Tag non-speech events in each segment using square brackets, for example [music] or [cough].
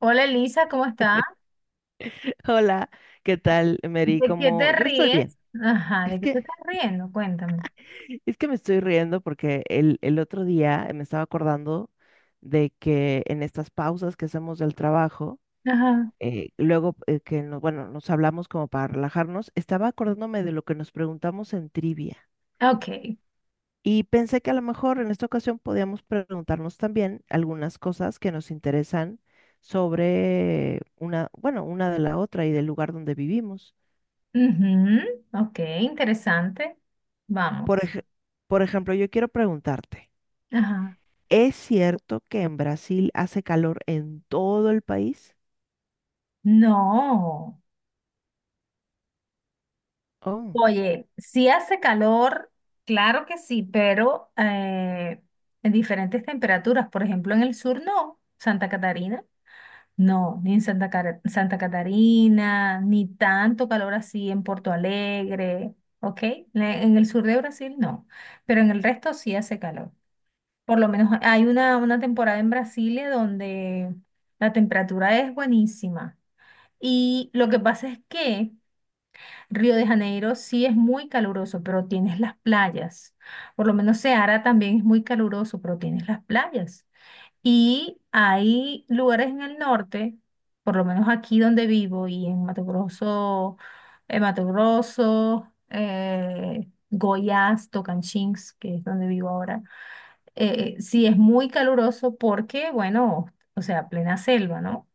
Hola Elisa, ¿cómo estás? Hola, ¿qué tal, Mary? ¿De qué te Como yo estoy ríes? bien. Ajá, Es ¿de qué te que, estás riendo? Cuéntame. es que me estoy riendo porque el otro día me estaba acordando de que en estas pausas que hacemos del trabajo, Ajá. luego nos hablamos como para relajarnos, estaba acordándome de lo que nos preguntamos en trivia. Ok. Y pensé que a lo mejor en esta ocasión podíamos preguntarnos también algunas cosas que nos interesan sobre una de la otra y del lugar donde vivimos. Ujú, ok, interesante. Por Vamos. ej- por ejemplo, yo quiero preguntarte, Ajá. ¿es cierto que en Brasil hace calor en todo el país? No. Oh, Oye, sí hace calor, claro que sí, pero en diferentes temperaturas. Por ejemplo, en el sur no. Santa Catarina. No, ni en Santa Catarina, ni tanto calor así en Porto Alegre, ¿ok? En el sur de Brasil no, pero en el resto sí hace calor. Por lo menos hay una temporada en Brasilia donde la temperatura es buenísima. Y lo que pasa es que Río de Janeiro sí es muy caluroso, pero tienes las playas. Por lo menos Ceará también es muy caluroso, pero tienes las playas. Y hay lugares en el norte, por lo menos aquí donde vivo y en Mato Grosso, Goiás, Tocantins, que es donde vivo ahora. Sí es muy caluroso porque, bueno, o sea, plena selva, ¿no?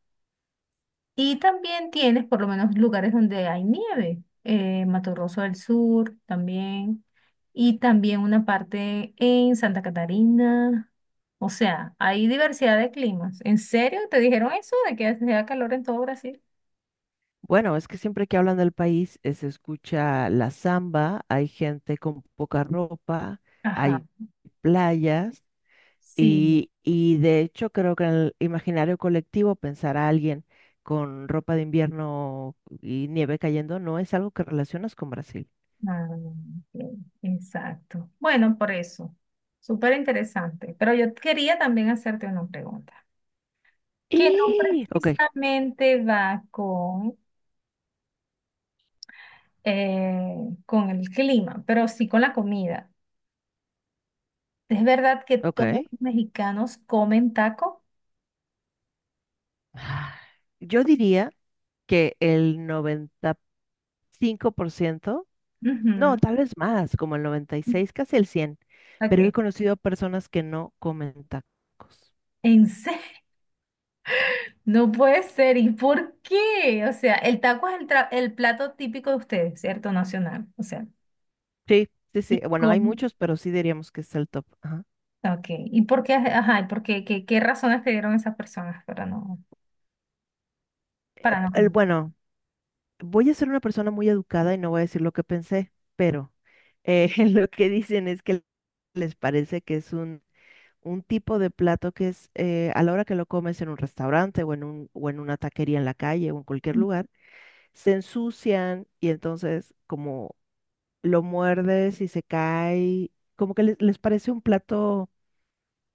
Y también tienes por lo menos lugares donde hay nieve, Mato Grosso del Sur también, y también una parte en Santa Catarina. O sea, hay diversidad de climas. ¿En serio te dijeron eso de que hacía calor en todo Brasil? bueno, es que siempre que hablan del país se escucha la samba, hay gente con poca ropa, Ajá, hay playas sí. y de hecho creo que en el imaginario colectivo pensar a alguien con ropa de invierno y nieve cayendo no es algo que relacionas con Brasil. Ah, ok, exacto. Bueno, por eso. Súper interesante. Pero yo quería también hacerte una pregunta, que no ¡Ih! Ok, precisamente va con el clima, pero sí con la comida. ¿Es verdad que ok. todos los mexicanos comen taco? Ah, Yo diría que el 95%, no, tal vez más, como el noventa y Ujú. seis casi el 100, pero he Ok. conocido personas que no comen tacos. ¿En serio? [laughs] No puede ser. ¿Y por qué? O sea, el taco es el plato típico de ustedes, ¿cierto? Nacional. O sea, Sí, sí, ¿y sí. Bueno, hay cómo? muchos, pero sí diríamos que es el top. Ajá. Ok. ¿Y por qué? Ajá, ¿y por qué? ¿Qué razones te dieron esas personas para no El, comer? bueno, voy a ser una persona muy educada y no voy a decir lo que pensé, pero [laughs] lo que dicen es que les parece que es un tipo de plato que es a la hora que lo comes en un restaurante o en una taquería en la calle o en cualquier lugar se ensucian y entonces como lo muerdes y se cae, como que les parece un plato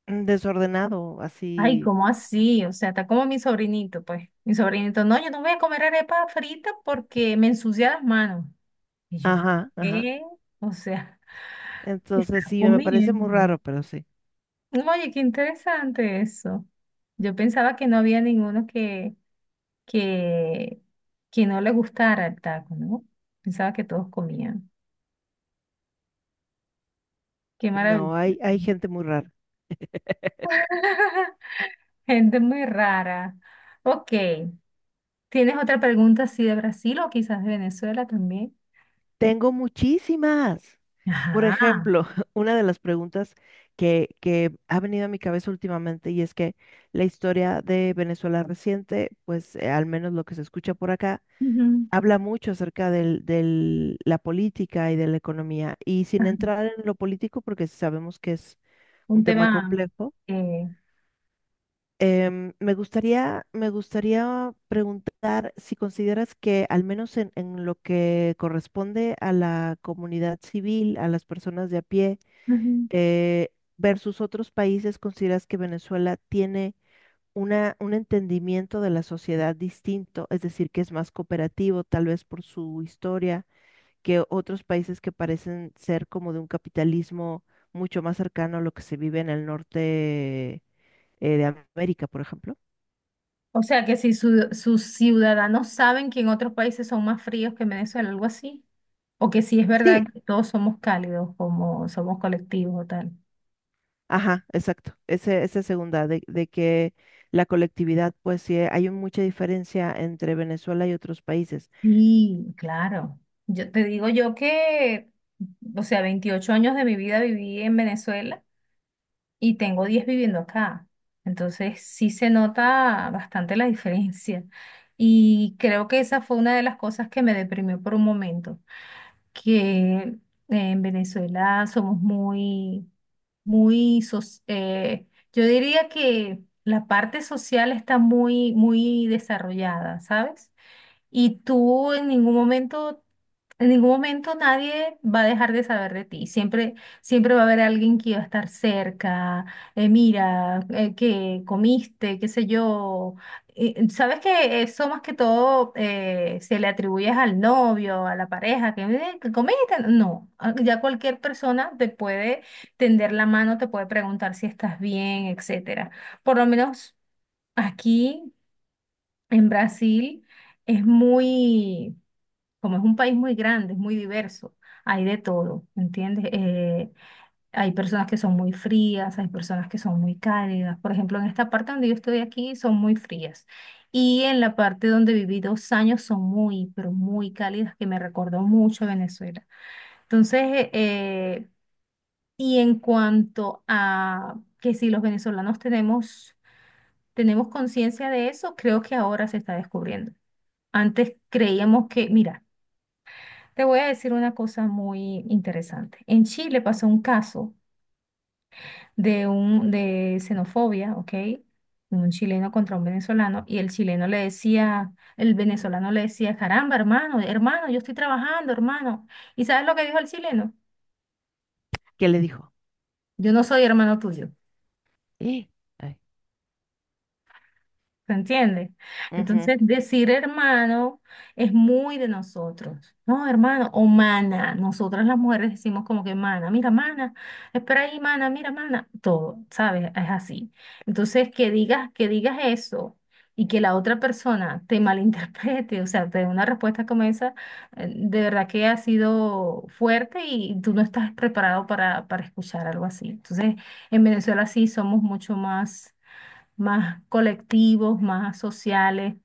desordenado, Ay, así, ¿cómo así? O sea, está como mi sobrinito, pues. Mi sobrinito, no, yo no voy a comer arepa frita porque me ensucia las manos. Y yo, ajá, ajá. ¿qué? O sea, [laughs] estás Entonces sí, me parece muy comiendo. raro, pero sí. Oye, qué interesante eso. Yo pensaba que no había ninguno que, que no le gustara el taco, ¿no? Pensaba que todos comían. Qué maravilla. No, hay gente muy rara. [laughs] Gente muy rara. Ok. ¿Tienes otra pregunta así de Brasil o quizás de Venezuela también? Tengo muchísimas. Por Ajá. ejemplo, [laughs] una de las preguntas que ha venido a mi cabeza últimamente, y es que la historia de Venezuela reciente, pues al menos lo que se escucha por acá, Ujú. habla mucho acerca de la política y de la economía. Y sin Ajá. entrar en lo político, porque sabemos que es un Un tema tema. complejo, eh, me gustaría preguntar si consideras que, al menos en lo que corresponde a la comunidad civil, a las personas de a pie, ujú. eh, versus otros países, ¿consideras que Venezuela tiene un entendimiento de la sociedad distinto? Es decir, que es más cooperativo, tal vez por su historia, que otros países que parecen ser como de un capitalismo mucho más cercano a lo que se vive en el norte de América, por ejemplo. O sea que si sus ciudadanos saben que en otros países son más fríos que en Venezuela, algo así, o que si es Sí, verdad que todos somos cálidos, como somos colectivos o tal. ajá, exacto. Ese, esa segunda, de que la colectividad, pues sí, hay mucha diferencia entre Venezuela y otros países. Sí, claro. Yo te digo yo que, o sea, 28 años de mi vida viví en Venezuela y tengo 10 viviendo acá. Entonces sí se nota bastante la diferencia. Y creo que esa fue una de las cosas que me deprimió por un momento, que en Venezuela somos muy muy, soc- yo diría que la parte social está muy, muy desarrollada, ¿sabes? Y tú en ningún momento nadie va a dejar de saber de ti. Siempre, siempre va a haber alguien que va a estar cerca. Mira, que comiste, qué sé yo. Y, sabes que eso más que todo se le atribuye al novio, a la pareja, que comiste. No, ah, ya cualquier persona te puede tender la mano, te puede preguntar si estás bien, etcétera. Por lo menos aquí en Brasil es muy como es un país muy grande, es muy diverso, hay de todo, ¿entiendes? Hay personas que son muy frías, hay personas que son muy cálidas. Por ejemplo, en esta parte donde yo estoy aquí son muy frías. Y en la parte donde viví 2 años son muy, pero muy cálidas, que me recordó mucho a Venezuela. Entonces, y en cuanto a que si los venezolanos tenemos conciencia de eso, creo que ahora se está descubriendo. Antes creíamos que, mira, te voy a decir una cosa muy interesante. En Chile pasó un caso de xenofobia, ¿ok? Un chileno contra un venezolano y el venezolano le decía, caramba, hermano, hermano, yo estoy trabajando, hermano. ¿Y sabes lo que dijo el chileno? ¿Qué le dijo? Yo no soy hermano tuyo. Eh, ay. ¿Se entiende? Ujú. Entonces, decir hermano es muy de nosotros, ¿no? Hermano o mana. Nosotras las mujeres decimos como que mana, mira, mana, espera ahí, mana, mira, mana. Todo, ¿sabes? Es así. Entonces, que digas eso y que la otra persona te [laughs] malinterprete, o sea, te dé una respuesta como esa, de verdad que ha sido fuerte y tú no estás preparado para escuchar algo así. Entonces, en Venezuela sí somos mucho más colectivos, más sociales,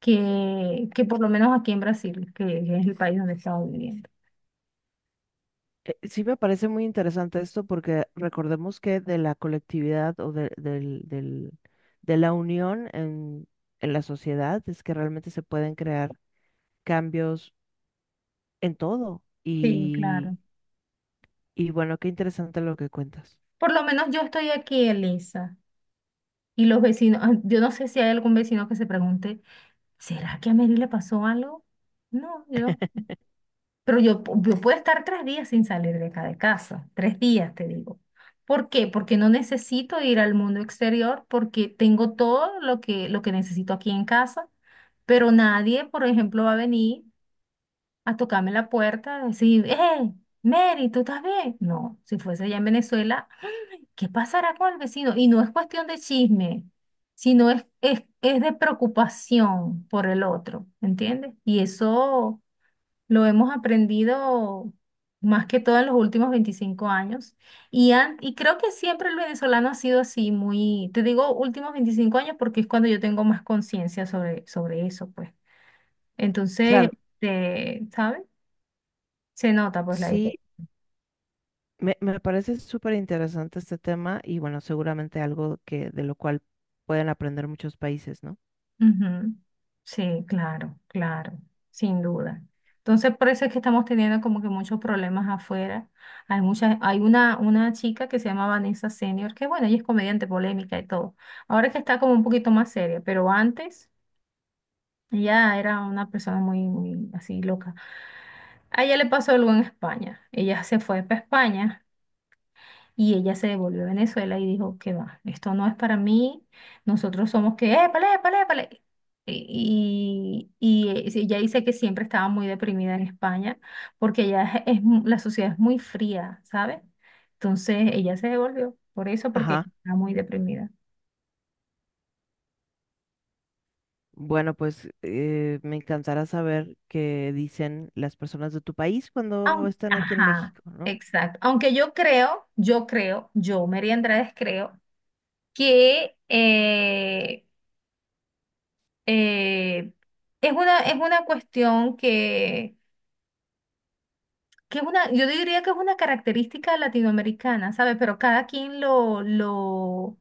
que por lo menos aquí en Brasil, que es el país donde estamos viviendo. Sí, me parece muy interesante esto, porque recordemos que de la colectividad o de la unión en la sociedad es que realmente se pueden crear cambios en todo. Sí, claro. Y bueno, qué interesante lo que cuentas. Por lo menos yo estoy aquí, Elisa, y los vecinos, ah, yo no sé si hay algún vecino que se pregunte, ¿será que a Mary le pasó algo? No, yo, [laughs] pero yo, pu- yo puedo estar 3 días sin salir de acá de casa, 3 días te digo. ¿Por qué? Porque no necesito ir al mundo exterior, porque tengo todo lo que necesito aquí en casa, pero nadie, por ejemplo, va a venir a tocarme la puerta, a decir, ¡eh, Mary, ¿tú estás bien? No, si fuese allá en Venezuela, ¿qué pasará con el vecino? Y no es cuestión de chisme, sino es de preocupación por el otro, ¿entiendes? Y eso lo hemos aprendido más que todo en los últimos 25 años. Y creo que siempre el venezolano ha sido así, muy, te digo últimos 25 años porque es cuando yo tengo más conciencia sobre eso, pues. Entonces, Claro, este, ¿sabes? Se nota pues la sí, diferencia. Me parece súper interesante este tema, y bueno, seguramente algo que de lo cual pueden aprender muchos países, ¿no? Ujú. Sí, claro, claro, sin duda. Entonces, por eso es que estamos teniendo como que muchos problemas afuera. Hay una chica que se llama Vanessa Senior, que bueno, ella es comediante polémica y todo. Ahora es que está como un poquito más seria, pero antes ella era una persona muy, muy así loca. A ella le pasó algo en España. Ella se fue para España. Y ella se devolvió a Venezuela y dijo, que va, esto no es para mí, nosotros somos que, épale, épale, épale. Y sí, ella dice que siempre estaba muy deprimida en España porque ella es mu- la sociedad es muy fría, ¿sabes? Entonces ella se devolvió por eso, porque ella Ajá. estaba muy deprimida. Bueno, pues me encantará saber qué dicen las personas de tu país cuando Aun- están aquí en ajá, México, ¿no? exacto. Aunque yo, María Andrade, creo que eh, es una cuestión, yo diría que es una característica latinoamericana, ¿sabes? Pero cada quien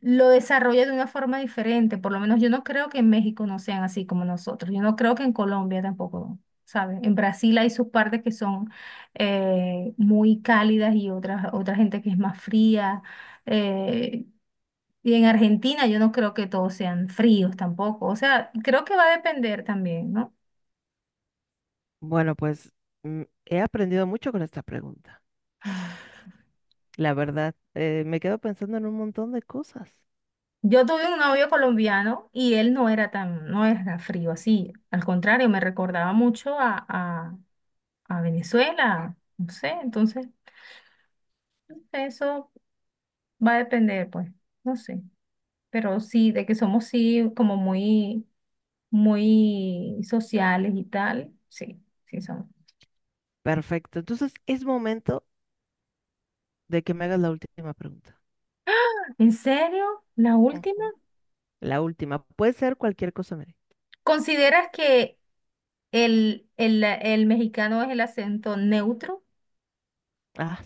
lo desarrolla de una forma diferente. Por lo menos yo no creo que en México no sean así como nosotros. Yo no creo que en Colombia tampoco, ¿sabes? En Brasil hay sus partes que son muy cálidas y otras, otra gente que es más fría. eh, y en Argentina yo no creo que todos sean fríos tampoco. O sea, creo que va a depender también, ¿no? Bueno, pues he aprendido mucho con esta pregunta. La verdad, me quedo pensando en un montón de cosas. Yo tuve un novio colombiano y él no era tan, no era frío así. Al contrario, me recordaba mucho a Venezuela. No sé, entonces eso va a depender, pues, no sé. Pero sí, de que somos sí como muy, muy sociales y tal. Sí, sí somos. Perfecto. Entonces es momento de que me hagas la última pregunta. ¿En serio? ¿La última? Ujú. La última. Puede ser cualquier cosa, Mary. ¿Consideras que el mexicano es el acento neutro? Ah,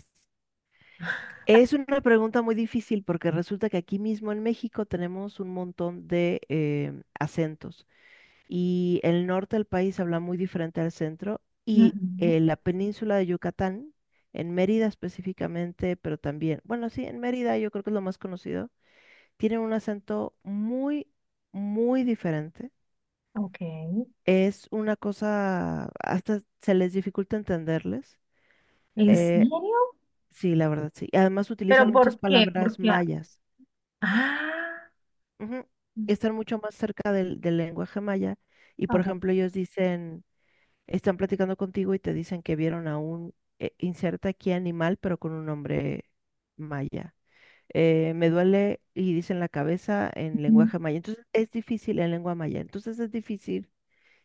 es una pregunta muy difícil, porque resulta que aquí mismo en México tenemos un montón de acentos, y el norte del país habla muy diferente al centro, y Ujú. La península de Yucatán, en Mérida específicamente, pero también, bueno, sí, en Mérida yo creo que es lo más conocido, tienen un acento muy, muy diferente. Ok. Es una cosa, hasta se les dificulta entenderles. ¿En Eh, serio? sí, la verdad, sí. Además ¿Pero utilizan muchas por qué? palabras Porque, mayas. ah, Ujú. Están mucho más cerca del lenguaje maya. Y ah, por ok. ejemplo, ellos dicen, están platicando contigo y te dicen que vieron a un, inserta aquí animal, pero con un nombre maya. Me duele y dicen la cabeza en lenguaje maya. Entonces es difícil en lengua maya. Entonces es difícil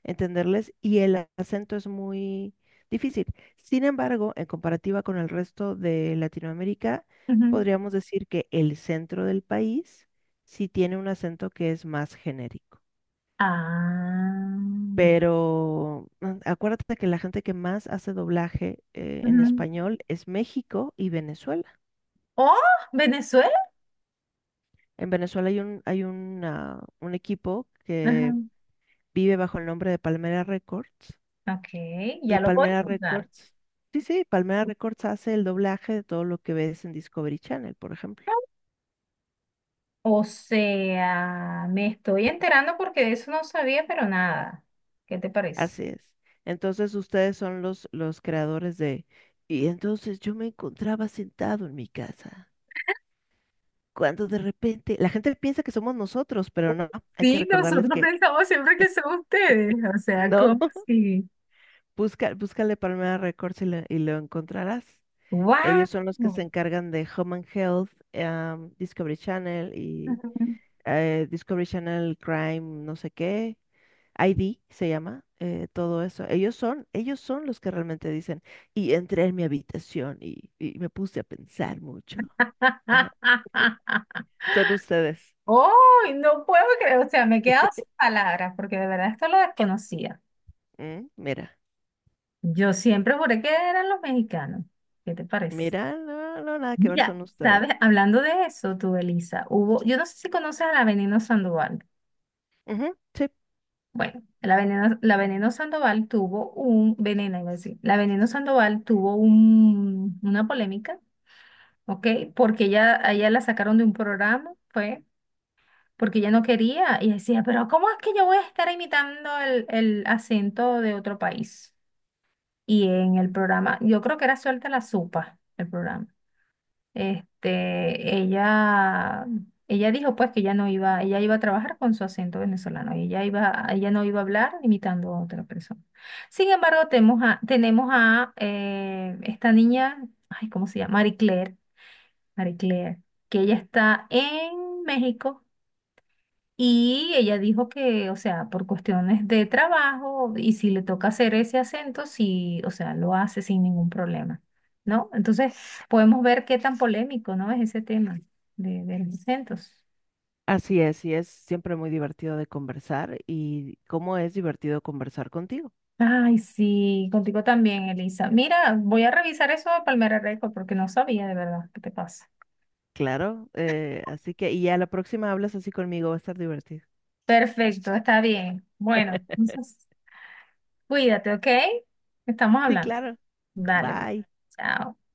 entenderles, y el acento es muy difícil. Sin embargo, en comparativa con el resto de Latinoamérica, Ujú. podríamos decir que el centro del país sí tiene un acento que es más genérico. Ah, Pero mm, acuérdate que la gente que más hace doblaje en ujú. español es México y Venezuela. Oh, Venezuela. En Venezuela hay un, hay un equipo Ajá. que vive bajo el nombre de Palmera Records. Ok, Y ya lo voy a Palmera anotar. Records, sí, sí, Palmera Records hace el doblaje de todo lo que ves en Discovery Channel, por ejemplo. O sea, me estoy enterando porque de eso no sabía, pero nada. ¿Qué te parece? Así es. Entonces ustedes son los creadores de... Y entonces yo me encontraba sentado en mi casa, cuando de repente la gente piensa que somos nosotros, pero no, hay que Sí, recordarles nosotros que pensamos siempre que son ustedes. O sea, no. ¿cómo así? [laughs] Busca, búscale Palmera Records y lo encontrarás. ¡Wow! Ellos son los que se encargan de Home and Health, Discovery Channel y Discovery Channel Crime, no sé qué ID se llama, todo eso. Ellos son los que realmente dicen, y entré en mi habitación y me puse a pensar mucho. Ajá. [laughs] Son ustedes. Oh, no puedo creer, o sea, me he quedado sin palabras porque de verdad esto lo desconocía. Mm. Mira, Yo siempre juré que eran los mexicanos. ¿Qué te parece? mira, no, no, nada que ver, Mira, son ustedes. sabes, hablando de eso, tú, Elisa, yo no sé si conoces a la Veneno Sandoval. Ujú, sí. Bueno, la Veneno Sandoval tuvo un, Veneno, iba a decir, la Veneno Sandoval tuvo una polémica, ¿ok? Porque ella, a ella la sacaron de un programa, fue porque ella no quería. Y decía, pero ¿cómo es que yo voy a estar imitando el acento de otro país? Y en el programa, yo creo que era Suelta la Sopa, el programa. Este, ella dijo pues que ella no iba, ella iba a trabajar con su acento venezolano y ella iba, ella no iba a hablar imitando a otra persona. Sin embargo, tenemos a esta niña, ay, ¿cómo se llama? Marie Claire, Marie Claire, que ella está en México y ella dijo que, o sea, por cuestiones de trabajo y si le toca hacer ese acento, sí, o sea, lo hace sin ningún problema, ¿no? Entonces, podemos ver qué tan polémico, ¿no? Es ese tema de los acentos. Así es, y es siempre muy divertido de conversar, y cómo es divertido conversar contigo. Ay, sí, contigo también, Elisa. Mira, voy a revisar eso de Palmera Record porque no sabía de verdad qué te pasa. Claro, así que, y a la próxima hablas así conmigo, va a estar divertido. Perfecto, está bien. Bueno, [laughs] entonces, cuídate, ¿ok? Estamos Sí, hablando. claro. Dale, pues. Bye. Chao.